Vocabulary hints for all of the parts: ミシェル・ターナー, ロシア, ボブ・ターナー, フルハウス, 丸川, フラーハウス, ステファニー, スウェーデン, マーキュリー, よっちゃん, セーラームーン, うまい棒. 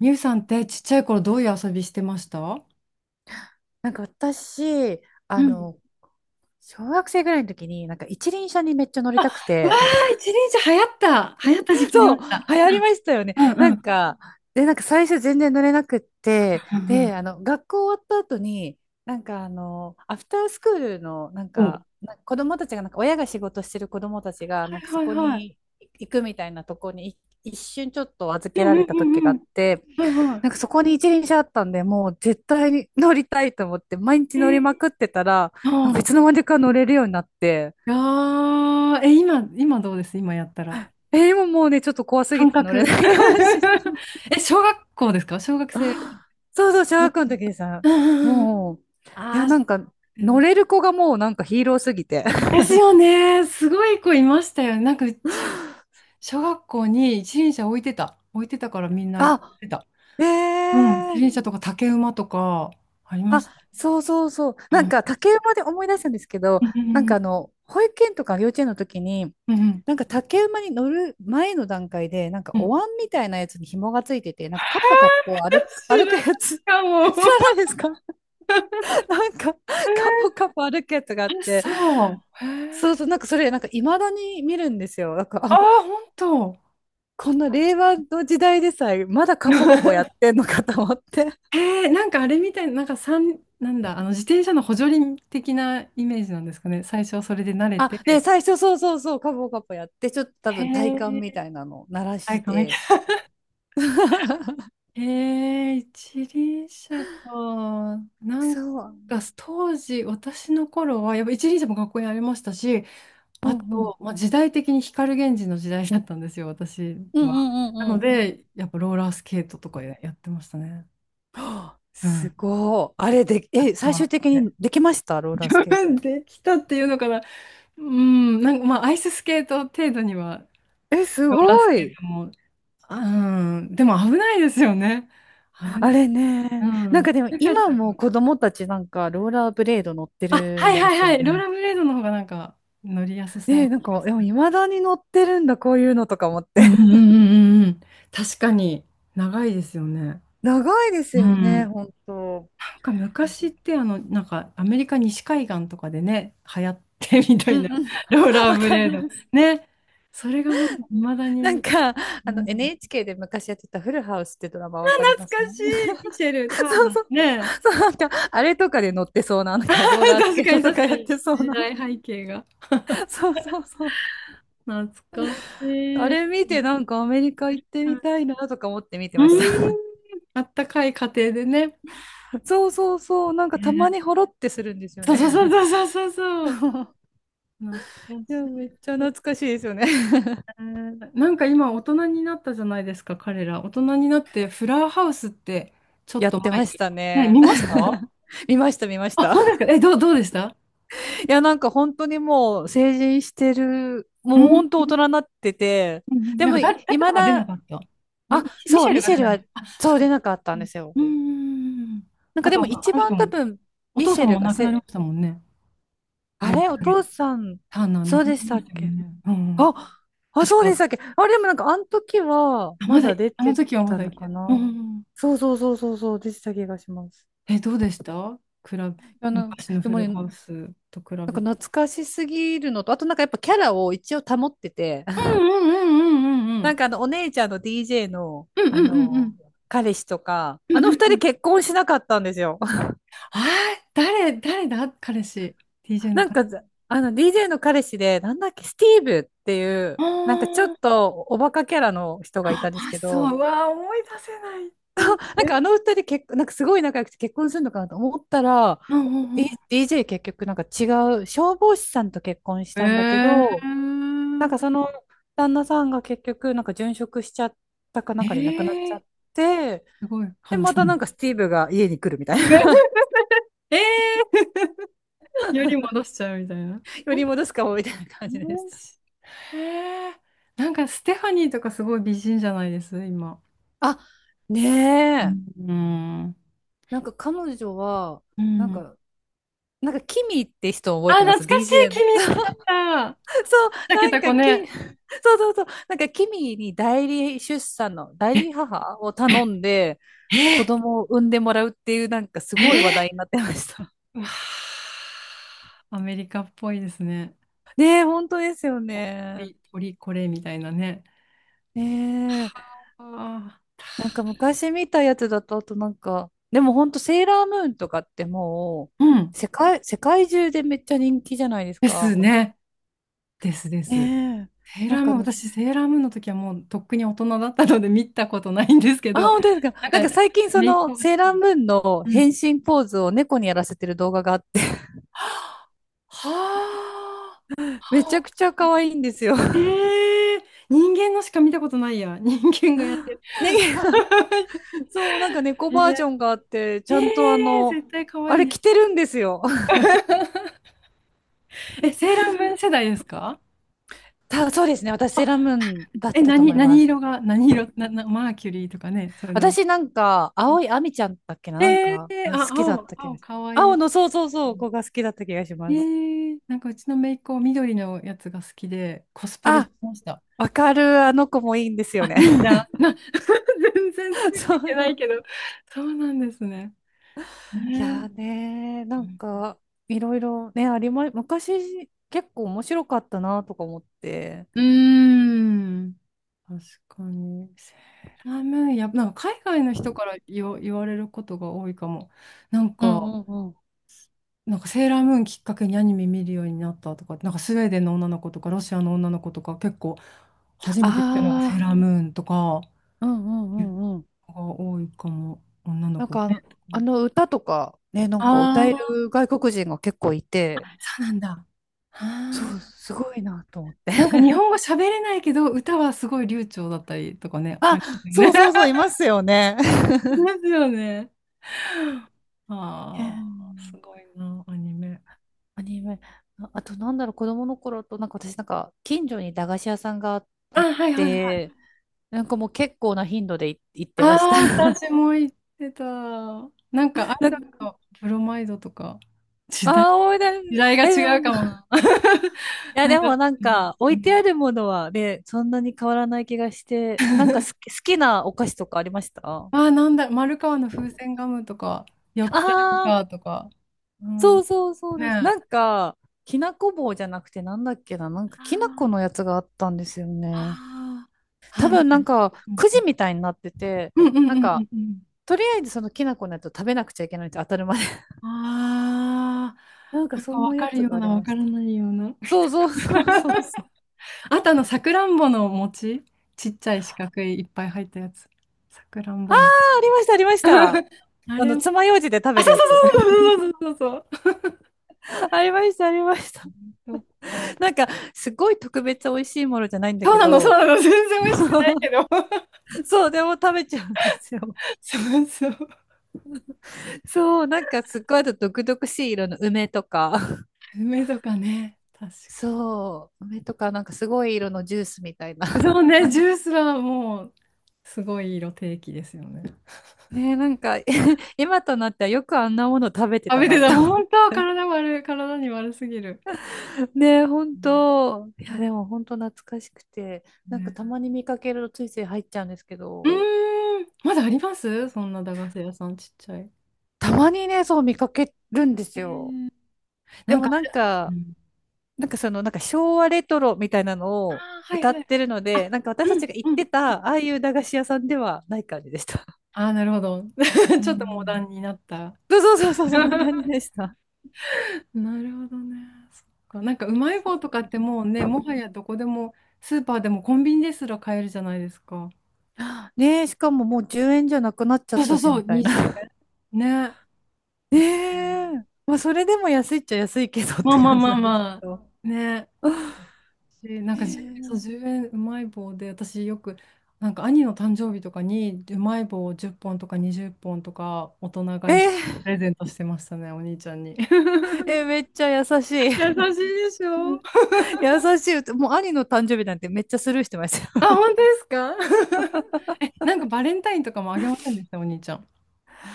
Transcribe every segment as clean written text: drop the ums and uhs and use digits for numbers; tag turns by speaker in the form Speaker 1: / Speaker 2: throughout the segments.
Speaker 1: みゆさんってちっちゃい頃どういう遊びしてましたう
Speaker 2: なんか私、あ
Speaker 1: ん。
Speaker 2: の、小学生ぐらいの時に、一輪車にめっちゃ乗りたく
Speaker 1: うわ
Speaker 2: て、
Speaker 1: あ、一輪車流行った。流行った時期あり
Speaker 2: そ
Speaker 1: ま
Speaker 2: う、
Speaker 1: した。
Speaker 2: 流行りましたよね。
Speaker 1: うん
Speaker 2: な
Speaker 1: う
Speaker 2: ん
Speaker 1: ん。
Speaker 2: か、で、なんか最初全然乗れなくって、
Speaker 1: うん
Speaker 2: で、あの、学校終わった後に、アフタースクールの、
Speaker 1: うん。ん
Speaker 2: 子供たちが、なんか親が仕事してる子供たちが、
Speaker 1: は
Speaker 2: なん
Speaker 1: い
Speaker 2: かそ
Speaker 1: はい
Speaker 2: こ
Speaker 1: はい。
Speaker 2: に行くみたいなとこに一瞬ちょっと預
Speaker 1: う
Speaker 2: け
Speaker 1: ん
Speaker 2: ら
Speaker 1: うん
Speaker 2: れた
Speaker 1: う
Speaker 2: 時
Speaker 1: ん
Speaker 2: が
Speaker 1: う
Speaker 2: あっ
Speaker 1: ん
Speaker 2: て、
Speaker 1: はいは
Speaker 2: なんかそこに一輪車あったんで、もう絶対に乗りたいと思って、毎日
Speaker 1: い。
Speaker 2: 乗りま
Speaker 1: え
Speaker 2: くってたら、
Speaker 1: ー、
Speaker 2: なんか
Speaker 1: あ
Speaker 2: いつの
Speaker 1: あ、
Speaker 2: 間にか乗れるようになって、
Speaker 1: いやーえ、今どうです今やったら。
Speaker 2: え、今もうね、ちょっと怖すぎ
Speaker 1: 感
Speaker 2: て乗れ
Speaker 1: 覚。
Speaker 2: ないかもしれ ない。
Speaker 1: え、小学校ですか小学生。
Speaker 2: そうそう、小
Speaker 1: うん
Speaker 2: 学校の時でさ、
Speaker 1: うんうん。
Speaker 2: もう、い
Speaker 1: あ
Speaker 2: や、
Speaker 1: あ、そ
Speaker 2: なんか
Speaker 1: うです
Speaker 2: 乗
Speaker 1: ね
Speaker 2: れる子がもうなんかヒーローすぎて。
Speaker 1: で すよね。すごい子いましたよね。なんかうち、小学校に一輪車置いてた。置いてたからみんな行ってた。
Speaker 2: あ、
Speaker 1: うん、自
Speaker 2: ええ、
Speaker 1: 転車とか竹馬とかありま
Speaker 2: あ、
Speaker 1: すね。
Speaker 2: そうそうそう。なんか竹馬で思い出したんですけど、
Speaker 1: うん、
Speaker 2: 保育園とか幼稚園の時に、
Speaker 1: うん、うん、うん。
Speaker 2: なんか竹馬に乗る前の段階で、なんか
Speaker 1: う
Speaker 2: お
Speaker 1: ん
Speaker 2: 椀みたいなやつに紐がついてて、なんかカポカポ 歩く、
Speaker 1: 知
Speaker 2: 歩
Speaker 1: らな
Speaker 2: く
Speaker 1: い
Speaker 2: やつ、
Speaker 1: か
Speaker 2: 知
Speaker 1: も。
Speaker 2: らないですか？ なんかカポ カポ歩くやつがあっ
Speaker 1: え、
Speaker 2: て、
Speaker 1: そう。へ
Speaker 2: そう
Speaker 1: え。
Speaker 2: そう、なんかそれ、なんか未だに見るんですよ。なんか、
Speaker 1: ああ、
Speaker 2: あ、
Speaker 1: 本当。
Speaker 2: こんな令和の時代でさえ、まだカポカポやって んのかと思って。
Speaker 1: へえ、なんかあれみたいな、なんか三、なんだ、あの自転車の補助輪的なイメージなんですかね。最初はそれで慣れ
Speaker 2: あ、ね、
Speaker 1: て。
Speaker 2: 最初そうそうそう、カポカポやって、ちょっと多
Speaker 1: へ
Speaker 2: 分体幹み
Speaker 1: え、
Speaker 2: たいなのを鳴ら
Speaker 1: 体
Speaker 2: し
Speaker 1: 感
Speaker 2: て。
Speaker 1: へえ、一輪車か。なん
Speaker 2: そう。
Speaker 1: か、当時、私の頃は、やっぱ一輪車も学校にありましたし、
Speaker 2: うん
Speaker 1: あ
Speaker 2: うん
Speaker 1: と、まあ、時代的に光源氏の時代だったんですよ、私
Speaker 2: うんう
Speaker 1: は。
Speaker 2: んう
Speaker 1: な
Speaker 2: んう
Speaker 1: の
Speaker 2: ん。
Speaker 1: で、やっぱローラースケートとかやってましたね。う
Speaker 2: す
Speaker 1: ん。
Speaker 2: ごい。あれで、
Speaker 1: 買っ
Speaker 2: え、
Speaker 1: て
Speaker 2: 最
Speaker 1: もら
Speaker 2: 終
Speaker 1: っ
Speaker 2: 的
Speaker 1: て。
Speaker 2: にできました ローラ
Speaker 1: 自
Speaker 2: ースケー
Speaker 1: 分
Speaker 2: ト？
Speaker 1: できたっていうのかな。うん、なんかまあ、アイススケート程度には、
Speaker 2: え、す
Speaker 1: ローラース
Speaker 2: ご
Speaker 1: ケー
Speaker 2: い。
Speaker 1: トも、うん、でも危ないですよね。危
Speaker 2: あ
Speaker 1: ない。
Speaker 2: れ
Speaker 1: う
Speaker 2: ね。なん
Speaker 1: ん。
Speaker 2: かでも
Speaker 1: よかっ
Speaker 2: 今
Speaker 1: た
Speaker 2: も子供たちなんかローラーブレード乗って
Speaker 1: あ、
Speaker 2: る
Speaker 1: はい
Speaker 2: んで
Speaker 1: はい
Speaker 2: すよ
Speaker 1: はい。ローラ
Speaker 2: ね。
Speaker 1: ーブレードの方がなんか乗りやすそうな
Speaker 2: ね、なん
Speaker 1: 気が
Speaker 2: か、
Speaker 1: す
Speaker 2: でも
Speaker 1: る。
Speaker 2: 未だに乗ってるんだ、こういうのとか思っ
Speaker 1: う
Speaker 2: て。
Speaker 1: んうんう んうんうん。確かに長いですよね。
Speaker 2: 長いです
Speaker 1: う
Speaker 2: よね、
Speaker 1: ん。
Speaker 2: 本当。
Speaker 1: なんか昔ってあの、なんかアメリカ西海岸とかでね、流行ってみた
Speaker 2: う
Speaker 1: いな、
Speaker 2: んうん。
Speaker 1: ロー ラー
Speaker 2: わ
Speaker 1: ブ
Speaker 2: か
Speaker 1: レー
Speaker 2: りま
Speaker 1: ド。
Speaker 2: す。
Speaker 1: ね。それがまだ未だ
Speaker 2: なん
Speaker 1: に、
Speaker 2: か、
Speaker 1: うん、懐
Speaker 2: NHK で昔やってたフルハウスってドラマわかりま
Speaker 1: か
Speaker 2: す？
Speaker 1: しい、ミシェ ル・ター
Speaker 2: そう
Speaker 1: ナ
Speaker 2: そう。
Speaker 1: ー。ね。
Speaker 2: そう、なんか、あれとかで乗ってそうな、なん か、ローラースケ
Speaker 1: 確
Speaker 2: ー
Speaker 1: か
Speaker 2: ト
Speaker 1: に
Speaker 2: と
Speaker 1: 確
Speaker 2: か
Speaker 1: か
Speaker 2: やっ
Speaker 1: に。
Speaker 2: てそう
Speaker 1: 時
Speaker 2: な。
Speaker 1: 代背景が。
Speaker 2: そうそうそう。
Speaker 1: 懐か
Speaker 2: あ
Speaker 1: しい。
Speaker 2: れ見て、なんかアメリカ行って
Speaker 1: は
Speaker 2: み
Speaker 1: い
Speaker 2: たいなとか思って見て
Speaker 1: う
Speaker 2: ました。
Speaker 1: ん。あったかい家庭でね。
Speaker 2: そうそうそう。なんかたま
Speaker 1: ね
Speaker 2: にほろってするんですよ
Speaker 1: そう
Speaker 2: ね。
Speaker 1: そうそうそうそうそう。懐か
Speaker 2: いや、
Speaker 1: し
Speaker 2: め
Speaker 1: い
Speaker 2: っちゃ懐かしいですよね。
Speaker 1: ね。なんか今大人になったじゃないですか、彼ら。大人になってフラーハウスってちょっ
Speaker 2: やっ
Speaker 1: と
Speaker 2: て
Speaker 1: 前
Speaker 2: まし
Speaker 1: に。
Speaker 2: た
Speaker 1: ね、
Speaker 2: ね。
Speaker 1: 見ました
Speaker 2: 見ました、見まし
Speaker 1: あ、
Speaker 2: た。
Speaker 1: 本当ですかえ、どうでした
Speaker 2: いや、なんか本当にもう成人してる、も
Speaker 1: う
Speaker 2: う
Speaker 1: ん、うん、
Speaker 2: 本当大人になってて、
Speaker 1: うん。
Speaker 2: で
Speaker 1: なん
Speaker 2: も
Speaker 1: か
Speaker 2: い、
Speaker 1: 誰
Speaker 2: い
Speaker 1: か
Speaker 2: ま
Speaker 1: が出な
Speaker 2: だ、
Speaker 1: かった。ミ
Speaker 2: あ、
Speaker 1: シミ
Speaker 2: そ
Speaker 1: シ
Speaker 2: う、
Speaker 1: ェ
Speaker 2: ミ
Speaker 1: ルが
Speaker 2: シ
Speaker 1: 出
Speaker 2: ェル
Speaker 1: な
Speaker 2: は、
Speaker 1: い。あ、
Speaker 2: そう
Speaker 1: そっ
Speaker 2: 出
Speaker 1: か。
Speaker 2: なかった
Speaker 1: う
Speaker 2: んで
Speaker 1: ん
Speaker 2: すよ。
Speaker 1: うん。
Speaker 2: なん
Speaker 1: あ
Speaker 2: かで
Speaker 1: と、あ
Speaker 2: も一
Speaker 1: の人
Speaker 2: 番多
Speaker 1: も、
Speaker 2: 分、
Speaker 1: お
Speaker 2: ミ
Speaker 1: 父
Speaker 2: シ
Speaker 1: さ
Speaker 2: ェ
Speaker 1: ん
Speaker 2: ル
Speaker 1: も
Speaker 2: が
Speaker 1: 亡くなりま
Speaker 2: せ、
Speaker 1: したもんね。
Speaker 2: あ
Speaker 1: ボブ・
Speaker 2: れお父さん、
Speaker 1: ターナー亡
Speaker 2: そう
Speaker 1: くな
Speaker 2: でし
Speaker 1: り
Speaker 2: た
Speaker 1: まし
Speaker 2: っ
Speaker 1: たよ
Speaker 2: け？
Speaker 1: ね。うんうん。
Speaker 2: あ、あ、
Speaker 1: 確
Speaker 2: そう
Speaker 1: か、
Speaker 2: でしたっけ？あ、でもなんかあの時は、
Speaker 1: あま
Speaker 2: ま
Speaker 1: だ、
Speaker 2: だ出
Speaker 1: あの
Speaker 2: て
Speaker 1: 時はま
Speaker 2: た
Speaker 1: だ生
Speaker 2: の
Speaker 1: きて
Speaker 2: か
Speaker 1: る。うん
Speaker 2: な。
Speaker 1: うんうん
Speaker 2: そうそうそうそうそう、出てた気がします。
Speaker 1: え、どうでした比べ、
Speaker 2: あの、
Speaker 1: 昔の
Speaker 2: で
Speaker 1: フ
Speaker 2: も
Speaker 1: ル
Speaker 2: ね、な
Speaker 1: ハ
Speaker 2: ん
Speaker 1: ウスと比べ
Speaker 2: か
Speaker 1: た
Speaker 2: 懐
Speaker 1: ら。
Speaker 2: かしすぎるのと、あとなんかやっぱキャラを一応保ってて、
Speaker 1: うんうんうんうんうん
Speaker 2: お姉ちゃんの DJ の、
Speaker 1: うんうんうんうん
Speaker 2: 彼氏とか、
Speaker 1: う
Speaker 2: あ
Speaker 1: んう
Speaker 2: の二人
Speaker 1: ん
Speaker 2: 結婚しなかったんですよ。
Speaker 1: あー誰だ彼氏。TJ の
Speaker 2: なん
Speaker 1: 彼氏。
Speaker 2: か、DJ の彼氏で、なんだっけ、スティーブっていう、なんかちょっとおバカキャラの人がい
Speaker 1: あ
Speaker 2: たんです
Speaker 1: ーあ
Speaker 2: け
Speaker 1: そ
Speaker 2: ど、
Speaker 1: ううわー、思い出せないっ
Speaker 2: なんかあ
Speaker 1: て。
Speaker 2: の二人結、なんかすごい仲良くて結婚するのかなと思ったら、
Speaker 1: うんうん
Speaker 2: DJ 結局なんか違う、消防士さんと結婚し
Speaker 1: うん
Speaker 2: たんだけ
Speaker 1: え
Speaker 2: ど、なんか
Speaker 1: ー、
Speaker 2: その旦那さんが結局なんか殉職しちゃったかな
Speaker 1: え
Speaker 2: んかで亡くなっちゃ
Speaker 1: ー、
Speaker 2: って、
Speaker 1: すごい
Speaker 2: で、
Speaker 1: 話
Speaker 2: ま
Speaker 1: せ
Speaker 2: た
Speaker 1: る。
Speaker 2: なんかスティーブが家に来るみたいな。
Speaker 1: えー、より戻しちゃうみたいな。よ
Speaker 2: より戻すかもみたいな感じでした。
Speaker 1: しへえ。なんかステファニーとかすごい美人じゃないです、今。
Speaker 2: あ、ねえ。
Speaker 1: うん。
Speaker 2: なんか彼女は、
Speaker 1: う
Speaker 2: なん
Speaker 1: ん。
Speaker 2: か、なんかキミって人を覚え
Speaker 1: あ、
Speaker 2: てま
Speaker 1: 懐
Speaker 2: す？
Speaker 1: かしい。
Speaker 2: DJ の。
Speaker 1: 君好き だっ
Speaker 2: そう、
Speaker 1: た。
Speaker 2: そう
Speaker 1: 竹け
Speaker 2: なん
Speaker 1: た
Speaker 2: か
Speaker 1: 子
Speaker 2: キ、
Speaker 1: ね。
Speaker 2: そうそうそう。なんかキミに代理出産の、代
Speaker 1: え、
Speaker 2: 理母を頼んで、子
Speaker 1: え、
Speaker 2: 供を産んでもらうっていう、なんかす
Speaker 1: え
Speaker 2: ごい話
Speaker 1: え
Speaker 2: 題になってました。
Speaker 1: わあアメリカっぽいですね。
Speaker 2: ねえ、本当ですよね。
Speaker 1: 鳥これみたいなね。
Speaker 2: ねえ。
Speaker 1: はあ。
Speaker 2: なんか昔見たやつだと、あとなんか、でもほんとセーラームーンとかっても
Speaker 1: うん。
Speaker 2: う、世界中でめっちゃ人気じゃないです
Speaker 1: です
Speaker 2: か。
Speaker 1: ね。ですです。
Speaker 2: ねえ。
Speaker 1: セー
Speaker 2: な
Speaker 1: ラ
Speaker 2: ん
Speaker 1: ー
Speaker 2: か
Speaker 1: ム
Speaker 2: あ
Speaker 1: ーン、
Speaker 2: の、
Speaker 1: 私、セーラームーンの時はもうとっくに大人だったので見たことないんですけ
Speaker 2: あ、
Speaker 1: ど、
Speaker 2: 本当ですか。
Speaker 1: な
Speaker 2: なん
Speaker 1: ん
Speaker 2: か
Speaker 1: か、
Speaker 2: 最近そ
Speaker 1: 姪っ
Speaker 2: の
Speaker 1: 子が好
Speaker 2: セー
Speaker 1: き
Speaker 2: ラー
Speaker 1: な。
Speaker 2: ムーンの
Speaker 1: うん。
Speaker 2: 変身ポーズを猫にやらせてる動画があって、
Speaker 1: はあ。
Speaker 2: め
Speaker 1: は
Speaker 2: ちゃく
Speaker 1: あ
Speaker 2: ちゃ可愛いんですよ。
Speaker 1: え ー、人間のしか見たことないや。人間がやってる。
Speaker 2: ね、そう、なんか 猫
Speaker 1: え
Speaker 2: バ
Speaker 1: ー、
Speaker 2: ージョンがあって、ち
Speaker 1: え
Speaker 2: ゃんとあ
Speaker 1: ー
Speaker 2: の、
Speaker 1: 絶対可
Speaker 2: あ
Speaker 1: 愛い
Speaker 2: れ
Speaker 1: ね。
Speaker 2: 着てるんですよ。
Speaker 1: え、セーラームーン世代ですか
Speaker 2: た、そうですね。私セーラームーンだっ
Speaker 1: え、
Speaker 2: たと
Speaker 1: 何、
Speaker 2: 思いま
Speaker 1: 何
Speaker 2: す。
Speaker 1: 色が、何色、な、な、マーキュリーとかね、それな。
Speaker 2: 私なんか、青い亜美ちゃんだっけな、なん
Speaker 1: え
Speaker 2: か、
Speaker 1: ー、
Speaker 2: が好
Speaker 1: あ、
Speaker 2: きだった気
Speaker 1: 青、
Speaker 2: がし、
Speaker 1: 可愛
Speaker 2: 青
Speaker 1: い。
Speaker 2: の、そうそうそう、子が好きだった気がし
Speaker 1: え
Speaker 2: ます。
Speaker 1: ー、なんかうちの姪っ子、緑のやつが好きで、コスプレし
Speaker 2: あ、
Speaker 1: てました。
Speaker 2: わかる、あの子もいいんです
Speaker 1: あ、
Speaker 2: よ
Speaker 1: い
Speaker 2: ね。
Speaker 1: いんだ。な、全然 つい
Speaker 2: そ
Speaker 1: ていけない
Speaker 2: う。
Speaker 1: けど。そうなんですね。
Speaker 2: いやー
Speaker 1: ね
Speaker 2: ねー、なん
Speaker 1: え。
Speaker 2: か、いろいろね、ありま、昔、結構面白かったなとか思って。
Speaker 1: うーん。確かに。セーラームーン、やっぱ、なんか海外の人から言われることが多いかも。なん
Speaker 2: うん
Speaker 1: か、
Speaker 2: うんうん。
Speaker 1: なんかセーラームーンきっかけにアニメ見るようになったとか、なんかスウェーデンの女の子とか、ロシアの女の子とか、結構初めて見たのがセー
Speaker 2: ああ、
Speaker 1: ラームーンとか、
Speaker 2: うんうん
Speaker 1: いう
Speaker 2: うんうん。
Speaker 1: 子が多いかも、女の
Speaker 2: なん
Speaker 1: 子は
Speaker 2: か、あの
Speaker 1: ね。
Speaker 2: あの歌とか、ね、なんか歌
Speaker 1: あ
Speaker 2: え
Speaker 1: あ、
Speaker 2: る外国人が結構いて、
Speaker 1: そうなんだ。
Speaker 2: そ
Speaker 1: あ
Speaker 2: う、
Speaker 1: ー
Speaker 2: すごいなと思って。
Speaker 1: なんか日 本語喋れないけど、歌はすごい流暢だったりとかね、あ
Speaker 2: あ、
Speaker 1: りますよ
Speaker 2: そ
Speaker 1: ね。
Speaker 2: うそ うそう、
Speaker 1: あ
Speaker 2: いますよね。
Speaker 1: り ますよね。
Speaker 2: え
Speaker 1: ああ、す
Speaker 2: ー、
Speaker 1: ごいな、アニメ。
Speaker 2: アニメ。ああと、なんだろう、子供の頃と、なんか私、なんか、近所に駄菓子屋さんがあっ
Speaker 1: あ、はいはいはい。
Speaker 2: て、なんかもう結構な頻度でい行っ
Speaker 1: あ
Speaker 2: てました。
Speaker 1: あ、私も言ってた。なんかア イ
Speaker 2: な
Speaker 1: ド
Speaker 2: ん
Speaker 1: ル
Speaker 2: か、
Speaker 1: とブロマイドとか、時代、
Speaker 2: ああ、思い出す。
Speaker 1: 時代が
Speaker 2: え、で
Speaker 1: 違
Speaker 2: も、
Speaker 1: う かも
Speaker 2: い
Speaker 1: な。
Speaker 2: や、
Speaker 1: なん
Speaker 2: で
Speaker 1: か、
Speaker 2: もなん
Speaker 1: うん
Speaker 2: か、置いてあるものはね、そんなに変わらない気がして、なんか好き、好きなお菓子とかありました？
Speaker 1: ああ、なんだ、丸川の風船ガムとか、よっちゃん
Speaker 2: ああ、
Speaker 1: かとか、うん、
Speaker 2: そ
Speaker 1: ね
Speaker 2: うそうそう
Speaker 1: え。
Speaker 2: です。
Speaker 1: あ
Speaker 2: なんか、きなこ棒じゃなくてなんだっけな、なんかきなこの
Speaker 1: あ、
Speaker 2: やつがあったんですよね。
Speaker 1: ああ、あ
Speaker 2: 多
Speaker 1: なんか、
Speaker 2: 分なんかくじみたいになってて、
Speaker 1: うんうん
Speaker 2: なん
Speaker 1: うんう
Speaker 2: か、
Speaker 1: んうん。
Speaker 2: とりあえずそのきなこのやつを食べなくちゃいけないって当たるまで。
Speaker 1: あ
Speaker 2: なん
Speaker 1: あ、
Speaker 2: か
Speaker 1: なん
Speaker 2: そ
Speaker 1: か
Speaker 2: ん
Speaker 1: わ
Speaker 2: なや
Speaker 1: かる
Speaker 2: つ
Speaker 1: よ
Speaker 2: が
Speaker 1: う
Speaker 2: あ
Speaker 1: な、
Speaker 2: り
Speaker 1: わ
Speaker 2: ま
Speaker 1: か
Speaker 2: し
Speaker 1: ら
Speaker 2: た。
Speaker 1: ないような。
Speaker 2: そうそうそう そうそう。
Speaker 1: あとあの、さくらんぼの餅。ちっちゃい四角いいっぱい入ったやつ。さくらん
Speaker 2: あ
Speaker 1: ぼ
Speaker 2: あ、
Speaker 1: も。
Speaker 2: ありました、ありました。
Speaker 1: あ
Speaker 2: あ
Speaker 1: れ
Speaker 2: の、
Speaker 1: も。
Speaker 2: 爪楊枝で食
Speaker 1: あ、
Speaker 2: べる
Speaker 1: そう
Speaker 2: やつ。
Speaker 1: そうそうそうそうそうそう
Speaker 2: ありました、ありました。
Speaker 1: そう。そっか。
Speaker 2: なんか、すごい特別美味しいものじゃないんだ
Speaker 1: そう
Speaker 2: け
Speaker 1: なの、そう
Speaker 2: ど、
Speaker 1: なの。全然美味しくないけ ど。
Speaker 2: そう、でも食べちゃうんですよ。
Speaker 1: そうそう。
Speaker 2: そう、なんかすっごいあと毒々しい色の梅とか、
Speaker 1: 梅とかね。確か
Speaker 2: そう、梅とかなんかすごい色のジュースみたいな。
Speaker 1: に。そう ね、ジュースはもう、すごい色定期ですよね。
Speaker 2: ねえ、なんか 今となってはよくあんなもの食べて
Speaker 1: 食
Speaker 2: た
Speaker 1: べ
Speaker 2: な
Speaker 1: て
Speaker 2: っ
Speaker 1: た、
Speaker 2: て思っ
Speaker 1: 本当、
Speaker 2: て。
Speaker 1: 体悪い、体に悪すぎる。
Speaker 2: ねえ、本
Speaker 1: うん
Speaker 2: 当。いや、でも本当懐かしくて、なんかた
Speaker 1: ね
Speaker 2: まに見かけるとついつい入っちゃうんですけ
Speaker 1: う
Speaker 2: ど、
Speaker 1: ーん、まだありますそんな駄菓子屋さんちっちゃい。
Speaker 2: たまにね、そう見かけるんで
Speaker 1: え
Speaker 2: すよ。
Speaker 1: ー
Speaker 2: で
Speaker 1: なん
Speaker 2: も
Speaker 1: か、
Speaker 2: なん
Speaker 1: う
Speaker 2: か、
Speaker 1: ん
Speaker 2: なんか昭和レトロみたいなの
Speaker 1: あ
Speaker 2: を
Speaker 1: あ、はい
Speaker 2: 歌
Speaker 1: は
Speaker 2: っ
Speaker 1: い。
Speaker 2: てるので、なんか私た
Speaker 1: う
Speaker 2: ち
Speaker 1: ん
Speaker 2: が行っ
Speaker 1: うん。
Speaker 2: てた、ああいう駄菓子屋さんではない感じでした。
Speaker 1: ああ、なるほど。
Speaker 2: う
Speaker 1: ちょっとモダ
Speaker 2: ん。
Speaker 1: ンになった。
Speaker 2: そうそうそうそう、そんな感じ でした。
Speaker 1: なるほどね。そっか。なんかうまい棒とかってもうね、もはやどこでも、スーパーでもコンビニですら買えるじゃないですか。
Speaker 2: ねえ、しかももう10円じゃなくなっちゃっ
Speaker 1: そうそ
Speaker 2: た
Speaker 1: う
Speaker 2: し、
Speaker 1: そう、
Speaker 2: みたい
Speaker 1: 20
Speaker 2: な。
Speaker 1: 円。ね。
Speaker 2: ね
Speaker 1: ですね
Speaker 2: え。まあ、それでも安いっちゃ安いけどっ
Speaker 1: ま
Speaker 2: て
Speaker 1: あまあ
Speaker 2: 感じ
Speaker 1: まあ
Speaker 2: なんです
Speaker 1: ま
Speaker 2: けど。
Speaker 1: あ。ね。し なんか1円、そう、
Speaker 2: ね
Speaker 1: 10円うえんうまい棒で、私よく、なんか兄の誕生日とかにうまい棒を10本とか20本とか大人
Speaker 2: え、
Speaker 1: 買い
Speaker 2: え
Speaker 1: してプ
Speaker 2: ー、
Speaker 1: レゼントしてましたね、お兄ちゃんに。
Speaker 2: えー、めっちゃ優し
Speaker 1: 優
Speaker 2: い。
Speaker 1: しいでしょ
Speaker 2: 優しい歌。もう兄の誕生日なんてめっちゃスルーしてました
Speaker 1: あ、
Speaker 2: よ。
Speaker 1: 本当ですか え、なんかバレンタインとかもあげませんでした、お兄ちゃん。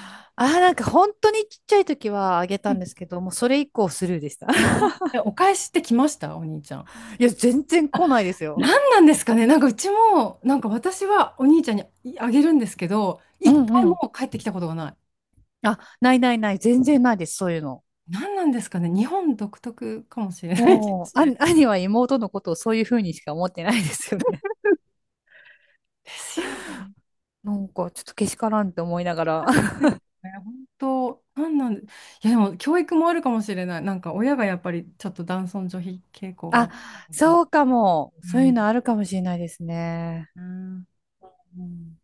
Speaker 2: あー、なんか本当にちっちゃい時はあげ
Speaker 1: う
Speaker 2: たん
Speaker 1: ん
Speaker 2: ですけど、もうそれ以降スルーでした。
Speaker 1: ああえ、お返しって来ました、お兄ちゃん。
Speaker 2: いや、全然
Speaker 1: あ、
Speaker 2: 来ないです
Speaker 1: 何
Speaker 2: よ。
Speaker 1: なんですかね、なんかうちも、なんか私はお兄ちゃんにあげるんですけど、
Speaker 2: う
Speaker 1: 一回
Speaker 2: んうん。
Speaker 1: も帰ってきたことがない。
Speaker 2: あ、ないないない。全然ないです。そういうの。
Speaker 1: 何なんですかね、日本独特かもしれない気が
Speaker 2: も
Speaker 1: し
Speaker 2: う、あ、
Speaker 1: て。で
Speaker 2: 兄は妹のことをそういうふうにしか思ってないですよね。
Speaker 1: すよね。
Speaker 2: なんか、ちょっとけしからんって思いながら。
Speaker 1: ね本当、なんなんで、いやでも教育もあるかもしれない。なんか親がやっぱりちょっと男尊女卑傾向があ
Speaker 2: あ、
Speaker 1: ったので。
Speaker 2: そうかも。
Speaker 1: う
Speaker 2: そういう
Speaker 1: ん
Speaker 2: のあるかもしれないですね。うん